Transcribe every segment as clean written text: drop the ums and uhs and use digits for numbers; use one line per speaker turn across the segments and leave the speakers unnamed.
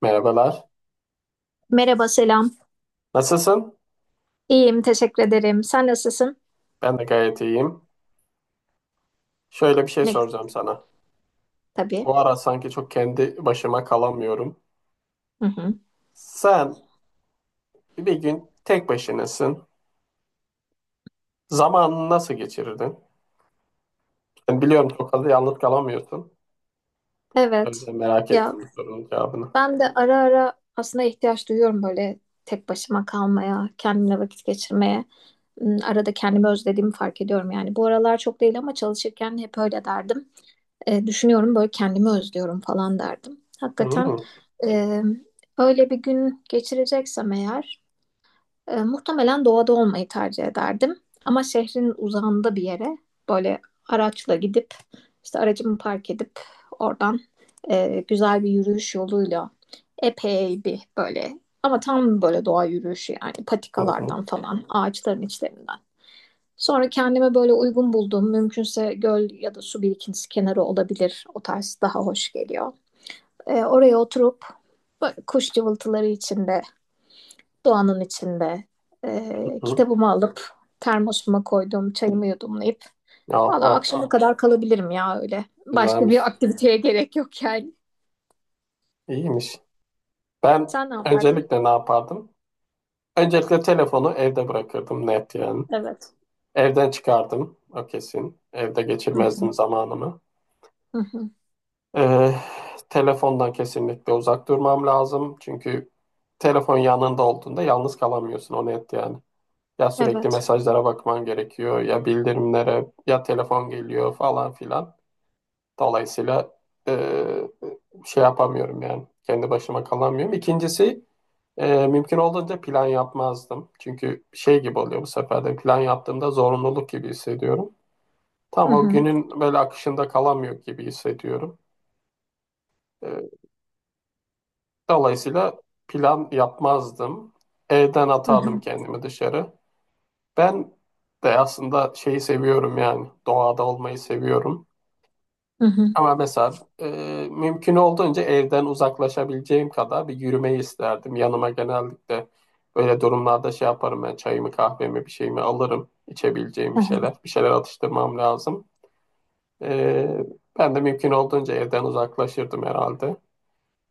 Merhabalar.
Merhaba, selam.
Nasılsın?
İyiyim, teşekkür ederim. Sen nasılsın?
Ben de gayet iyiyim. Şöyle bir şey
Ne
soracağım sana.
tabii.
Bu ara sanki çok kendi başıma kalamıyorum.
Hı hı.
Sen bir gün tek başınasın. Zamanını nasıl geçirirdin? Ben biliyorum çok fazla yalnız kalamıyorsun. O
Evet.
yüzden merak
Ya,
ettim bu sorunun cevabını.
ben de ara ara aslında ihtiyaç duyuyorum böyle tek başıma kalmaya, kendimle vakit geçirmeye. Arada kendimi özlediğimi fark ediyorum yani. Bu aralar çok değil ama çalışırken hep öyle derdim. Düşünüyorum böyle kendimi özlüyorum falan derdim.
Hmm.
Hakikaten
Hı
e, öyle bir gün geçireceksem eğer, muhtemelen doğada olmayı tercih ederdim. Ama şehrin uzağında bir yere böyle araçla gidip, işte aracımı park edip oradan güzel bir yürüyüş yoluyla epey bir böyle, ama tam böyle doğa yürüyüşü yani,
hı
patikalardan falan, ağaçların içlerinden. Sonra kendime böyle uygun bulduğum, mümkünse göl ya da su birikintisi kenarı olabilir. O tarz daha hoş geliyor. Oraya oturup böyle kuş cıvıltıları içinde, doğanın içinde
hı.
kitabımı alıp termosuma koydum, çayımı yudumlayıp
Oh,
valla
oh,
akşama
oh.
kadar kalabilirim ya öyle. Başka
Güzelmiş.
bir aktiviteye gerek yok yani.
İyiymiş. Ben
Sen ne yapardın?
öncelikle ne yapardım? Öncelikle telefonu evde bırakırdım, net yani.
Evet.
Evden çıkardım, o kesin. Evde
Hı hı.
geçirmezdim zamanımı.
Hı hı.
Ee, Telefondan kesinlikle uzak durmam lazım. Çünkü telefon yanında olduğunda yalnız kalamıyorsun, o net yani. Ya sürekli
Evet.
mesajlara bakman gerekiyor, ya bildirimlere, ya telefon geliyor falan filan. Dolayısıyla ee, şey yapamıyorum yani, kendi başıma kalamıyorum. İkincisi mümkün olduğunca plan yapmazdım. Çünkü şey gibi oluyor, bu sefer de plan yaptığımda zorunluluk gibi hissediyorum.
Hı
Tam o
hı.
günün böyle akışında kalamıyor gibi hissediyorum. E, Dolayısıyla plan yapmazdım. Evden
Hı
atardım
hı.
kendimi dışarı. Ben de aslında şeyi seviyorum, yani doğada olmayı seviyorum.
Hı hı.
Ama mesela mümkün olduğunca evden uzaklaşabileceğim kadar bir yürümeyi isterdim. Yanıma genellikle böyle durumlarda şey yaparım, ben çayımı, kahvemi, bir şeyimi alırım. İçebileceğim
Hı
bir
hı.
şeyler. Bir şeyler atıştırmam lazım. E, Ben de mümkün olduğunca evden uzaklaşırdım herhalde.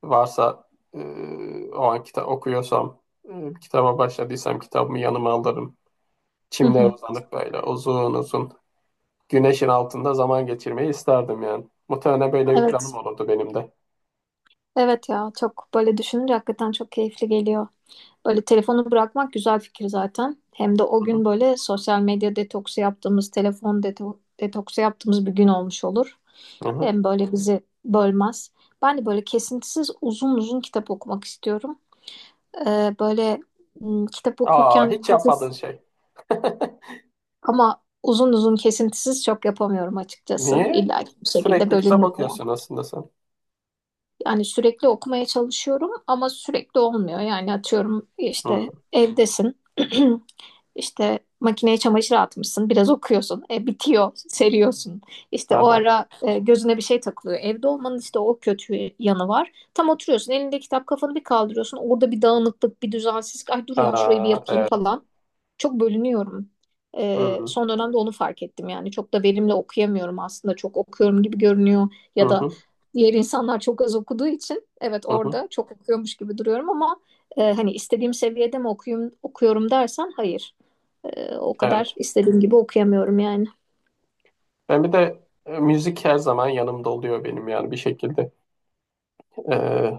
Varsa e, o an kitap okuyorsam, kitaba başladıysam kitabımı yanıma alırım.
Hı
Çimlere
hı.
uzanıp böyle uzun uzun güneşin altında zaman geçirmeyi isterdim yani. Muhtemelen böyle bir planım
Evet.
olurdu benim de.
Evet ya, çok böyle düşününce hakikaten çok keyifli geliyor. Böyle telefonu bırakmak güzel fikir zaten. Hem de o
Hı
gün
hı.
böyle sosyal medya detoksu yaptığımız, telefon detoksu yaptığımız bir gün olmuş olur.
Hı hı.
Hem böyle bizi bölmez. Ben de böyle kesintisiz uzun uzun kitap okumak istiyorum. Böyle kitap
Aa,
okurken
hiç
hafif
yapmadığın şey.
ama uzun uzun kesintisiz çok yapamıyorum açıkçası.
Niye?
İlla ki bir şekilde
Sürekli kitap
bölünüyor yani.
okuyorsun aslında sen.
Yani sürekli okumaya çalışıyorum ama sürekli olmuyor. Yani atıyorum işte
Hı.
evdesin. işte makineye çamaşır atmışsın. Biraz okuyorsun. Bitiyor. Seriyorsun. İşte o
Aha.
ara gözüne bir şey takılıyor. Evde olmanın işte o kötü yanı var. Tam oturuyorsun. Elinde kitap kafanı bir kaldırıyorsun. Orada bir dağınıklık, bir düzensizlik. Ay dur ya, şurayı bir
Aa,
yapayım
evet.
falan. Çok bölünüyorum.
Hı hı.
Son dönemde onu fark ettim yani. Çok da verimli okuyamıyorum aslında. Çok okuyorum gibi görünüyor
Hı
ya da
hı.
diğer insanlar çok az okuduğu için evet
Hı.
orada çok okuyormuş gibi duruyorum ama hani istediğim seviyede mi okuyum, okuyorum dersen hayır. O kadar
Evet.
istediğim gibi okuyamıyorum yani.
Ben bir de müzik her zaman yanımda oluyor benim, yani bir şekilde. E,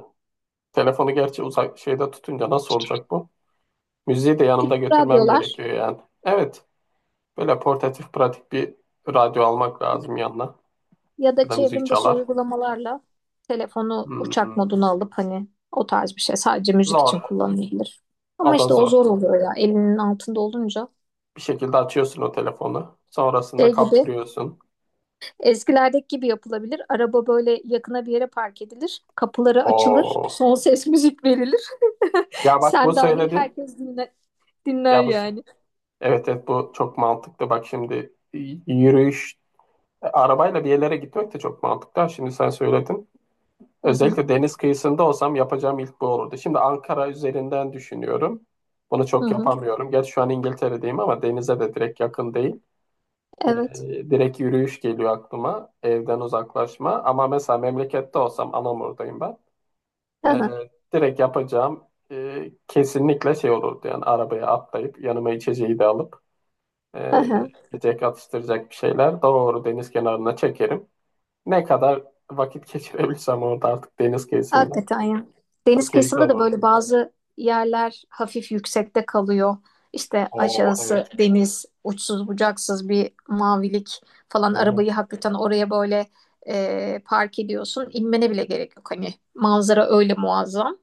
Telefonu gerçi uzak şeyde tutunca nasıl olacak bu? Müziği de yanımda
Küçük
götürmem
radyolar
gerekiyor yani. Evet, böyle portatif pratik bir radyo almak lazım yanına.
ya da
Ya da müzik
çevrim dışı
çalar.
uygulamalarla telefonu uçak
Hmm.
moduna alıp hani o tarz bir şey sadece müzik için
Zor.
kullanılabilir.
O
Ama
da
işte o
zor.
zor oluyor ya elinin altında olunca.
Bir şekilde açıyorsun o telefonu. Sonrasında
Şey gibi
kaptırıyorsun.
eskilerdeki gibi yapılabilir. Araba böyle yakına bir yere park edilir. Kapıları açılır.
Oo.
Son ses müzik verilir.
Ya bak, bu
Sen dahil
söyledin.
herkes dinler, dinler
Ya bu sö-
yani.
evet, evet, bu çok mantıklı. Bak şimdi, yürüyüş arabayla bir yerlere gitmek de çok mantıklı. Ha, şimdi sen söyledin.
Hı hı,
Özellikle deniz kıyısında olsam yapacağım ilk bu olurdu. Şimdi Ankara üzerinden düşünüyorum. Bunu
hı
çok
hı.
yapamıyorum. Gerçi şu an İngiltere'deyim, ama denize de direkt yakın değil.
Evet.
Ee, Direkt yürüyüş geliyor aklıma. Evden uzaklaşma. Ama mesela memlekette olsam, Anamur'dayım ben.
Hı
Ee,
hı,
Direkt yapacağım kesinlikle şey olurdu. Yani arabaya atlayıp, yanıma içeceği de alıp,
hı
e,
hı.
yiyecek atıştıracak bir şeyler, doğru deniz kenarına çekerim. Ne kadar vakit geçirebilirsem orada artık, deniz kıyısında.
Hakikaten ya.
Çok
Deniz
keyifli
kıyısında da
olur.
böyle bazı yerler hafif yüksekte kalıyor. İşte
Oo,
aşağısı
evet.
deniz, uçsuz bucaksız bir mavilik falan.
Hı hı.
Arabayı hakikaten oraya böyle park ediyorsun. İnmene bile gerek yok. Hani manzara öyle muazzam.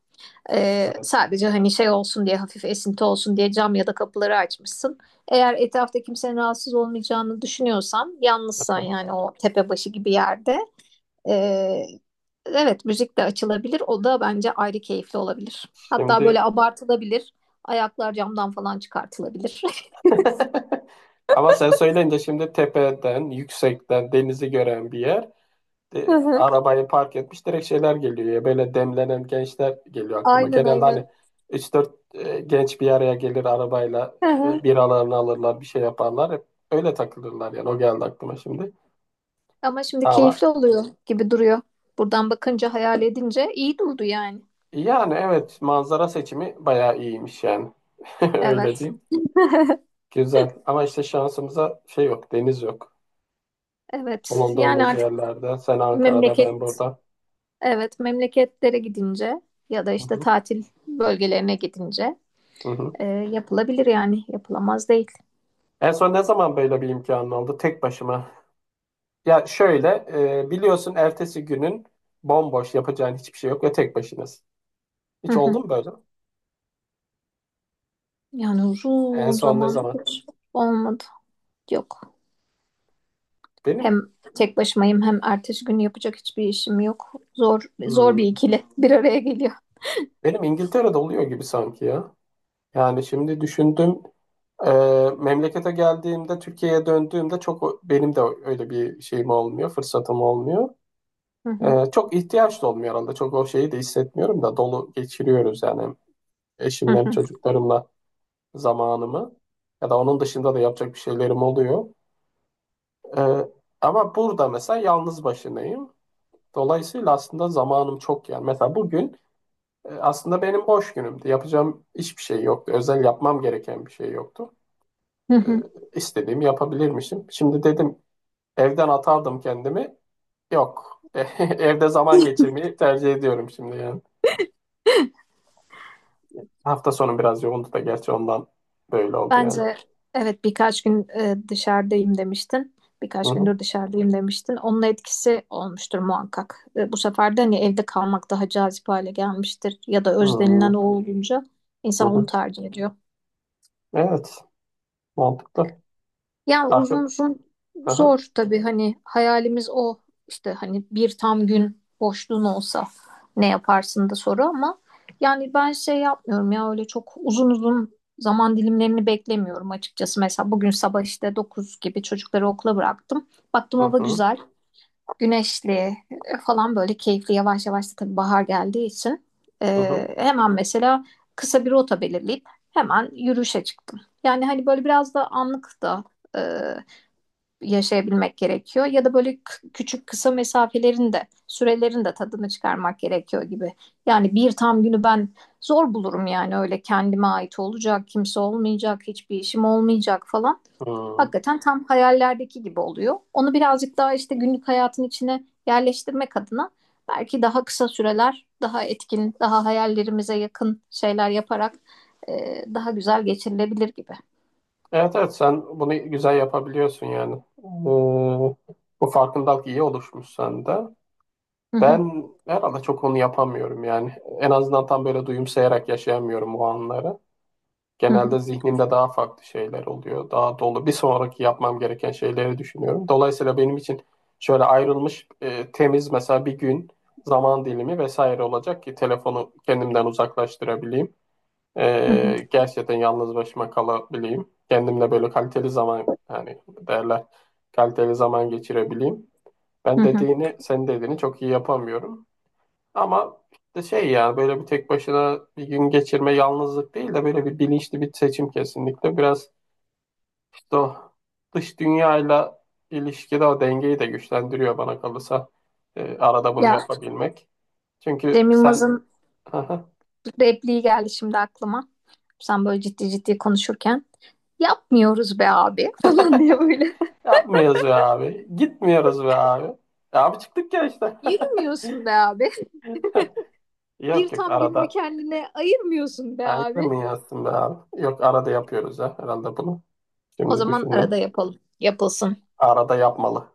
Evet.
Sadece hani şey olsun diye, hafif esinti olsun diye cam ya da kapıları açmışsın. Eğer etrafta kimsenin rahatsız olmayacağını düşünüyorsan, yalnızsan
Hı.
yani, o tepe başı gibi yerde ee, evet müzik de açılabilir. O da bence ayrı keyifli olabilir. Hatta böyle
Şimdi,
abartılabilir. Ayaklar camdan falan çıkartılabilir.
ama sen söyleyince, şimdi tepeden, yüksekten denizi gören bir yer.
Hı
De,
hı.
arabayı park etmiş, direkt şeyler geliyor ya. Böyle demlenen gençler geliyor aklıma.
Aynen
Genelde, hani
aynen.
üç dört genç bir araya gelir, arabayla
Hı hı.
biralarını alırlar, bir şey yaparlar. Hep öyle takılırlar yani. O geldi aklıma şimdi.
Ama şimdi
Ama
keyifli oluyor gibi duruyor. Buradan bakınca hayal edince iyi durdu yani.
yani evet, manzara seçimi bayağı iyiymiş yani. Öyle
Evet.
diyeyim. Güzel. Ama işte şansımıza şey yok, deniz yok.
Evet. Yani
Bulunduğumuz
artık
yerlerde. Sen Ankara'da, ben
memleket...
burada.
Evet, memleketlere gidince ya da
Hı
işte
hı,
tatil bölgelerine gidince
hı hı.
yapılabilir yani, yapılamaz değil.
En son ne zaman böyle bir imkanın oldu? Tek başıma. Ya şöyle, biliyorsun ertesi günün bomboş, yapacağın hiçbir şey yok ve tek başınasın.
Hı
Hiç
hı.
oldu mu böyle?
Yani
En
uzun
son ne
zaman
zaman?
hiç olmadı. Yok.
Benim
Hem tek başımayım hem ertesi gün yapacak hiçbir işim yok. Zor bir
hmm,
ikili bir araya geliyor.
benim İngiltere'de oluyor gibi sanki ya. Yani şimdi düşündüm, e, memlekete geldiğimde, Türkiye'ye döndüğümde çok benim de öyle bir şeyim olmuyor, fırsatım olmuyor.
Hı hı.
Çok ihtiyaç da olmuyor arada. Çok o şeyi de hissetmiyorum da, dolu geçiriyoruz yani hem
Hı
eşimle hem
hı.
çocuklarımla zamanımı. Ya da onun dışında da yapacak bir şeylerim oluyor. Ee, Ama burada mesela yalnız başınayım. Dolayısıyla aslında zamanım çok yani. Mesela bugün aslında benim boş günümdü. Yapacağım hiçbir şey yoktu. Özel yapmam gereken bir şey yoktu.
Hı
Ee,
hı.
istediğimi yapabilirmişim. Şimdi dedim, evden atardım kendimi. Yok. Evde zaman geçirmeyi tercih ediyorum şimdi yani. Hafta sonu biraz yoğundu da, gerçi ondan böyle oldu yani.
Bence evet, birkaç gün dışarıdayım demiştin.
Hı
Birkaç
hı.
gündür dışarıdayım demiştin. Onun etkisi olmuştur muhakkak. Bu sefer de hani evde kalmak daha cazip hale gelmiştir. Ya da özlenilen o olunca
Hı
insan onu
hı.
tercih ediyor.
Evet. Mantıklı.
Yani
Arka.
uzun uzun
Hı hı.
zor tabii, hani hayalimiz o işte, hani bir tam gün boşluğun olsa ne yaparsın da soru, ama yani ben şey yapmıyorum ya, öyle çok uzun uzun zaman dilimlerini beklemiyorum açıkçası. Mesela bugün sabah işte 9 gibi çocukları okula bıraktım. Baktım
Hı
hava
hı.
güzel, güneşli falan, böyle keyifli, yavaş yavaş da tabii bahar geldiği için
Hı hı.
hemen mesela kısa bir rota belirleyip hemen yürüyüşe çıktım. Yani hani böyle biraz da anlık da yaşayabilmek gerekiyor ya da böyle küçük kısa mesafelerin de sürelerin de tadını çıkarmak gerekiyor gibi. Yani bir tam günü ben zor bulurum yani, öyle kendime ait olacak, kimse olmayacak, hiçbir işim olmayacak falan.
Hı.
Hakikaten tam hayallerdeki gibi oluyor. Onu birazcık daha işte günlük hayatın içine yerleştirmek adına belki daha kısa süreler, daha etkin, daha hayallerimize yakın şeyler yaparak daha güzel geçirilebilir gibi.
Evet, evet, sen bunu güzel yapabiliyorsun yani. Bu farkındalık iyi oluşmuş sende.
Hı hı,
Ben herhalde çok onu yapamıyorum yani. En azından tam böyle duyumsayarak yaşayamıyorum o anları.
hı hı,
Genelde zihnimde daha farklı şeyler oluyor. Daha dolu. Bir sonraki yapmam gereken şeyleri düşünüyorum. Dolayısıyla benim için şöyle ayrılmış temiz mesela bir gün, zaman dilimi vesaire olacak ki telefonu kendimden uzaklaştırabileyim.
hı hı,
Gerçekten yalnız başıma kalabileyim. Kendimle böyle kaliteli zaman, yani derler, kaliteli zaman geçirebileyim.
hı
Ben
hı.
dediğini, senin dediğini çok iyi yapamıyorum. Ama işte şey ya, böyle bir tek başına bir gün geçirme yalnızlık değil de, böyle bir bilinçli bir seçim kesinlikle. Biraz işte o dış dünyayla ilişkide o dengeyi de güçlendiriyor bana kalırsa. Arada bunu
Ya,
yapabilmek. Çünkü
Cem
sen
Yılmaz'ın repliği geldi şimdi aklıma. Sen böyle ciddi ciddi konuşurken yapmıyoruz be abi falan diye böyle.
yapmıyoruz be abi. Gitmiyoruz be abi. E abi, çıktık ya işte.
Yürümüyorsun be abi. Bir
Yok yok,
tam gününü
arada
kendine ayırmıyorsun be
aynı
abi.
ayrılmıyor be abi. Yok, arada yapıyoruz ya herhalde bunu.
O
Şimdi
zaman
düşündüm.
arada yapalım. Yapılsın.
Arada yapmalı.